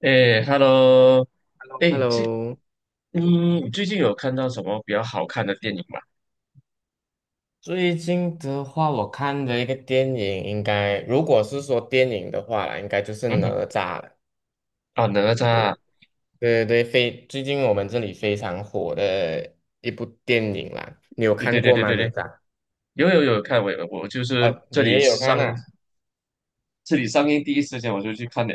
哎，Hello，哎，Hello，最近有看到什么比较好看的电影吗？最近的话，我看的一个电影，应该如果是说电影的话啦，应该就是哪嗯，吒了。啊，哪吒是，啊，对对对，非最近我们这里非常火的一部电影啦，你有对对看对过对吗？对哪对，吒？有有有看，我有我就是哦，这你里也有看上呐、这里上映第一时间我就去看了。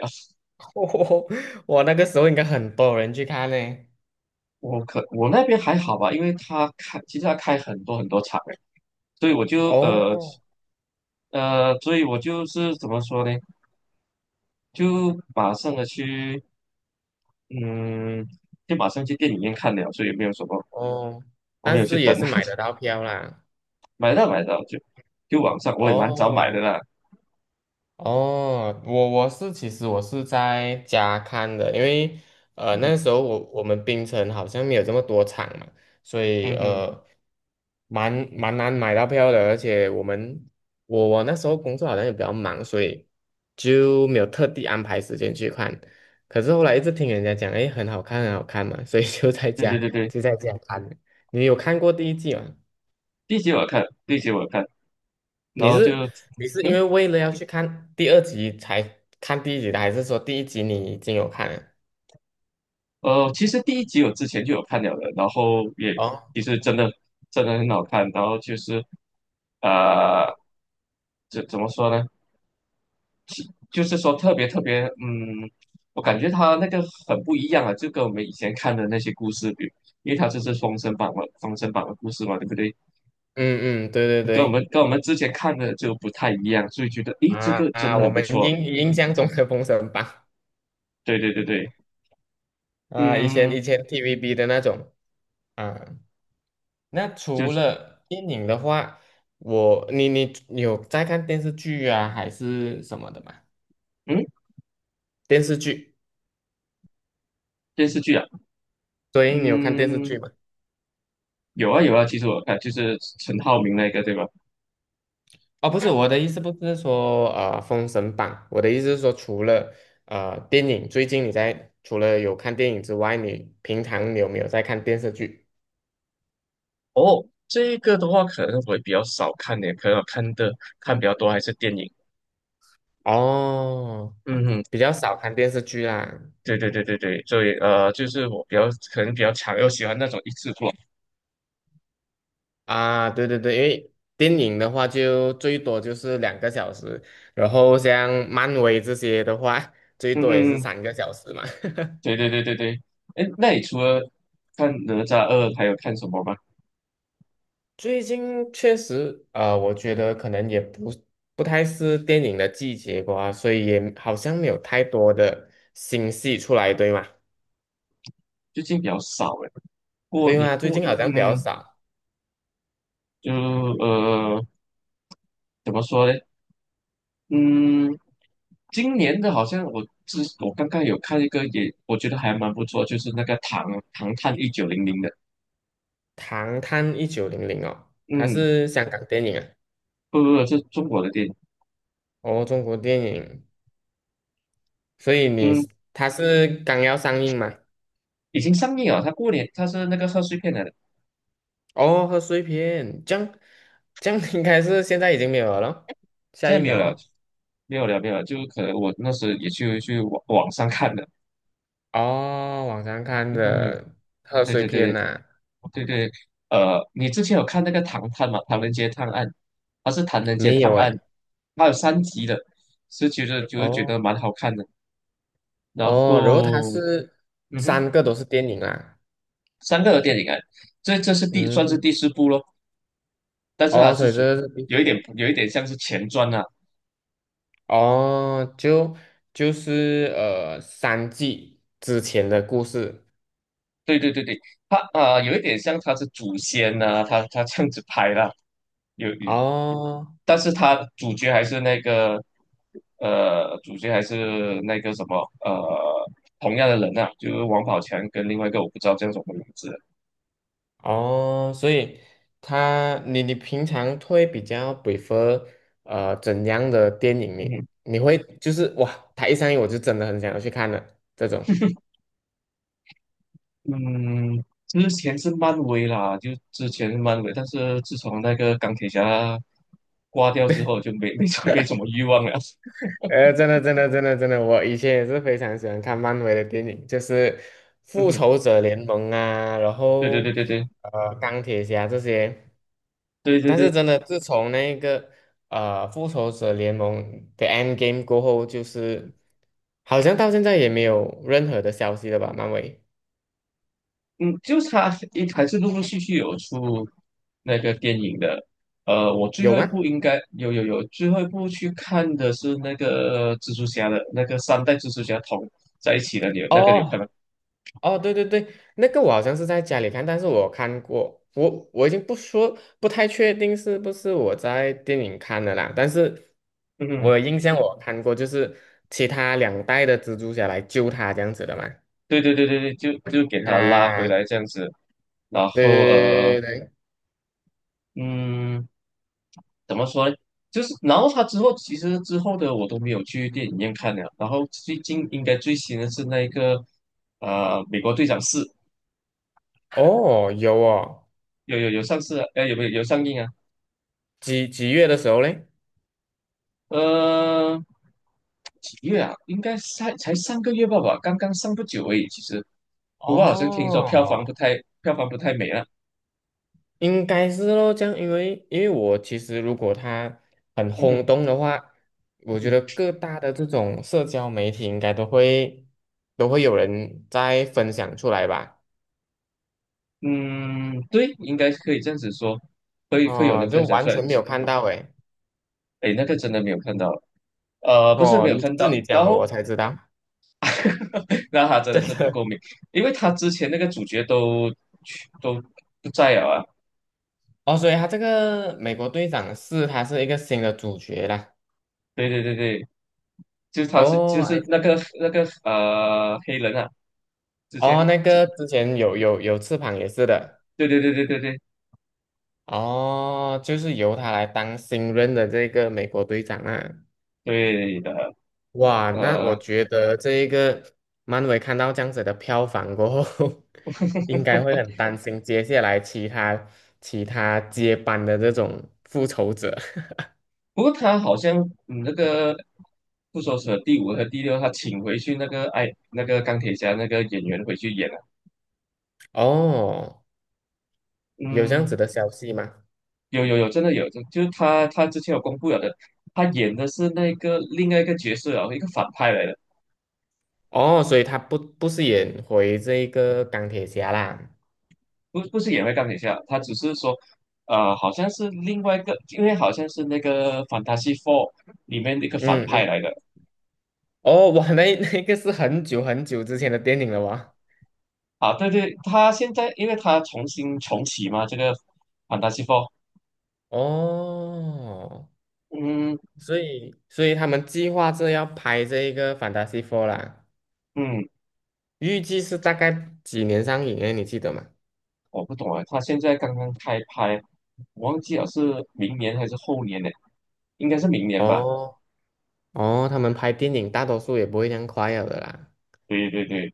哦，我那个时候应该很多人去看嘞。我那边还好吧，因为其实他开很多很多场诶，所以我就哦是怎么说呢，就马上的去嗯，就马上去电影院看了，所以没有什么，哦，我没但有去是也等。是买得到票啦。买到买到，就网上我也蛮早买的哦啦。哦，我我是其实我是在家看的，因为嗯哼，那时候我们槟城好像没有这么多场嘛，所以嗯哼，蛮难买到票的，而且我们我我那时候工作好像也比较忙，所以就没有特地安排时间去看。可是后来一直听人家讲，诶，很好看，很好看嘛，所以就在对对家对对，就在家看。你有看过第一季吗？第一集我有看，第一集我有看，然你后就是你是嗯为了要去看第二集才看第一集的，还是说第一集你已经有看了？呃，其实第一集我之前就有看了的，然后也哦，其实真的真的很好看，然后就是呃怎么说呢？就是说特别特别，我感觉它那个很不一样啊，就跟我们以前看的那些故事比，因为它这是封神榜嘛，封神榜的故事嘛，对不对？嗯嗯，对对跟我们对，跟我们之前看的就不太一样，所以觉得诶，这啊个真啊，的我很不们错。印象中的《封神榜》对对对对，啊，以前嗯，TVB 的那种啊。那就除是了电影的话，我你你你有在看电视剧啊，还是什么的吗？嗯电视剧，电视剧啊，所以你有看电视剧嗯，吗？有啊有啊，其实我看就是陈浩民那个对吧？哦，不是，我的意思不是说《封神榜》，我的意思是说，除了电影，最近除了有看电影之外，你平常你有没有在看电视剧？哦，这个的话可能会比较少看点，可能我看的看比较多还是电影。哦，嗯哼，比较少看电视剧啦。对对对对对，所以就是我比较可能比较强，又喜欢那种一次过。啊，对对对，因为电影的话就最多就是2个小时，然后像漫威这些的话，最嗯多也是哼，3个小时嘛。对对对对对。哎，那你除了看哪吒二，还有看什么吗？最近确实，我觉得可能也不太是电影的季节吧，所以也好像没有太多的新戏出来，对吗？最近比较少哎。过对年吗？最过近好像比较嗯，少，就呃怎么说呢？嗯，今年的好像我刚刚有看一个也，我觉得还蛮不错，就是那个《唐探一九零零》的。《唐探1900》哦，它嗯，是香港电影啊，不不不，这是中国的电影。哦，中国电影，所以你嗯，它是刚要上映嘛？已经上映了。它过年它是那个贺岁片来的，哦，贺岁片，这样应该是现在已经没有了咯现下在映没了有了，哦。没有了，没有了。就可能我那时也去网上看的。哦，网上看嗯，的贺对岁对对对。片呐、哦，对对，你之前有看那个《唐探》吗？《唐人街探案》，它是《唐人街没探有案》，诶。它有三集的，是觉得就是觉得哦蛮好看的。然哦，然后它后，是嗯哼，三个都是电影啊，三个电影啊，这是算是嗯，第四部咯，但是它哦，是所以属于这是第四有一点部，有一点像是前传啊。哦，就是三季之前的故事，对对对对，它有一点像它是祖先啊，它这样子拍啦，有哦但是他主角还是那个，主角还是那个什么，同样的人啊，就是王宝强跟另外一个我不知道叫什么名字，哦，所以你平常会比较 prefer 怎样的电影呢？嗯你会就是哇，他一上映我就真的很想要去看了这种，嗯，之前是漫威啦，就之前是漫威，但是自从那个钢铁侠挂掉之后，就没什么欲望了。哎，真的，真的，真的，真的，我以前也是非常喜欢看漫威的电影，就是《复嗯，仇者联盟》啊，然对对对后对对钢铁侠这些。对对但是对，真的，自从那个《复仇者联盟》的 Endgame 过后，就是好像到现在也没有任何的消息了吧？漫威嗯，就是他还是陆陆续续有出那个电影的。我最有后一吗？部应该有有有，最后一部去看的是那个蜘蛛侠的那个三代蜘蛛侠同在一起的，你有看哦，吗？哦，对对对，那个我好像是在家里看，但是我看过，我已经不说，不太确定是不是我在电影看的啦，但是嗯我哼，有印象看过，就是其他两代的蜘蛛侠来救他这样子的嘛。对对对对对，就给他拉回啊，来这样子，然对后对对对对，对嗯，怎么说呢？就是然后他之后其实之后的我都没有去电影院看了，然后最近应该最新的是那一个美国队长四，哦，有哦，有有有上市啊，有没有上映啊？几月的时候嘞？呃，几月啊？应该才上个月吧，刚刚上不久而已。其实，不过好像听说哦票房不太美啊。应该是咯，这样，因为我其实如果他很嗯哼，轰动的话，我觉得各大的这种社交媒体应该都会有人在分享出来吧？嗯，对，应该可以这样子说，会有哦，人就分享完出来。全没有看到诶。哎，那个真的没有看到，不是哦，没有看到，你讲然了我后 才知道，那他 真的真是不够的。美，因为他之前那个主角都不在了啊。哦，所以他这个美国队长是他是一个新的主角啦。对对对对，就是他是哦，I s 黑人啊。之哦，前，那个之前有翅膀也是的。对对对对对对哦，就是由他来当新任的这个美国队长啊。对的，哇，那我呃，觉得这一个漫威看到这样子的票房过后，应该会很担心接下来其他接班的这种复仇者。不过他好像那个复仇者第五和第六，他请回去那个钢铁侠那个演员回去演了，哦，有这样嗯，子的消息吗？有有有，真的有，就是他之前有公布了的，他演的是那个另外一个角色啊，一个反派来的，哦，所以他不是演回这一个钢铁侠啦。不是演回钢铁侠，他只是说。好像是另外一个，因为好像是那个《Fantasy Four》里面的一个反嗯派嗯，来的，哦，哇，那 那个是很久很久之前的电影了哇。啊，对对，他现在因为他重新重启嘛，这个《f a n t 哦，嗯所以他们计划着要拍这一个《Fantastic f o r 啦。嗯，预计是大概几年上映诶，你记得吗？我不懂啊，他现在刚刚开拍，我忘记了是明年还是后年呢？应该是明年吧？哦哦，他们拍电影大多数也不会这样快了的啦。对对对，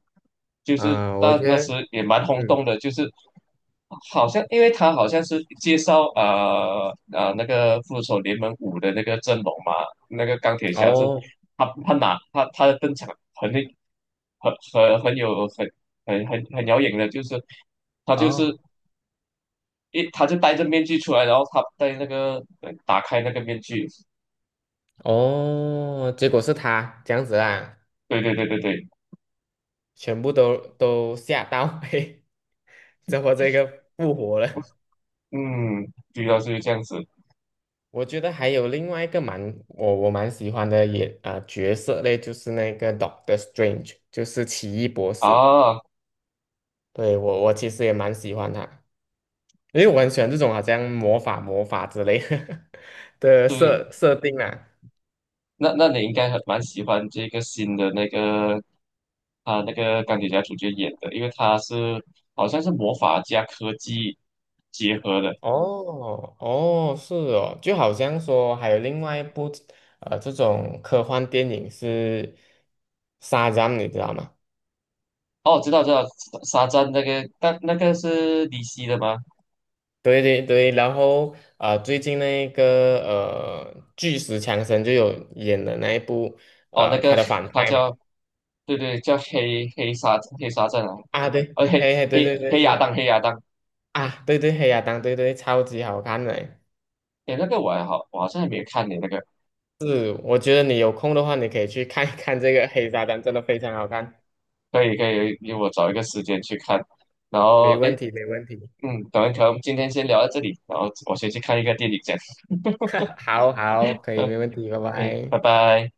就是啊，我那觉那时得，也蛮轰动嗯，的，就是好像因为他好像是介绍那个复仇者联盟五的那个阵容嘛，那个钢铁侠是哦他他哪他他的登场很那很很很有很很很很耀眼的，就是他就是哦他就戴着面具出来，然后他戴那个呃打开那个面具，哦，结果是他这样子啦，对对对对对，全部都吓到，嘿，怎么这个复活了？嗯，主要是这样子我觉得还有另外一个蛮我我蛮喜欢的也啊、角色嘞，就是那个 Doctor Strange,就是奇异博士。啊，对，我其实也蛮喜欢他。因为我很喜欢这种好像魔法之类 的对。设定啊！那你应该很蛮喜欢这个新的那个他那个钢铁侠主角演的，因为好像是魔法加科技结合的。哦哦，是哦，就好像说还有另外一部这种科幻电影是《沙赞》，你知道吗？哦，知道知道，沙赞那个，但那个是 DC 的吗？对对对，然后最近那个巨石强森就有演的那一部哦，那他个的反他派嘛。叫，对对，叫黑沙赞啊，啊对，哦黑嘿嘿，对黑对对黑亚是当黑亚当，啊对对黑亚当对对超级好看的。哎，那个我还好，我好像还没有看你那个。是，我觉得你有空的话，你可以去看一看这个《黑沙滩》，真的非常好看，可以可以，因为我找一个时间去看。然后，没哎，问题，没问题。等一下，可能今天先聊到这里，然后我先去看一个电影，先。好好，可以，没问题，拜 嗯，拜。拜拜。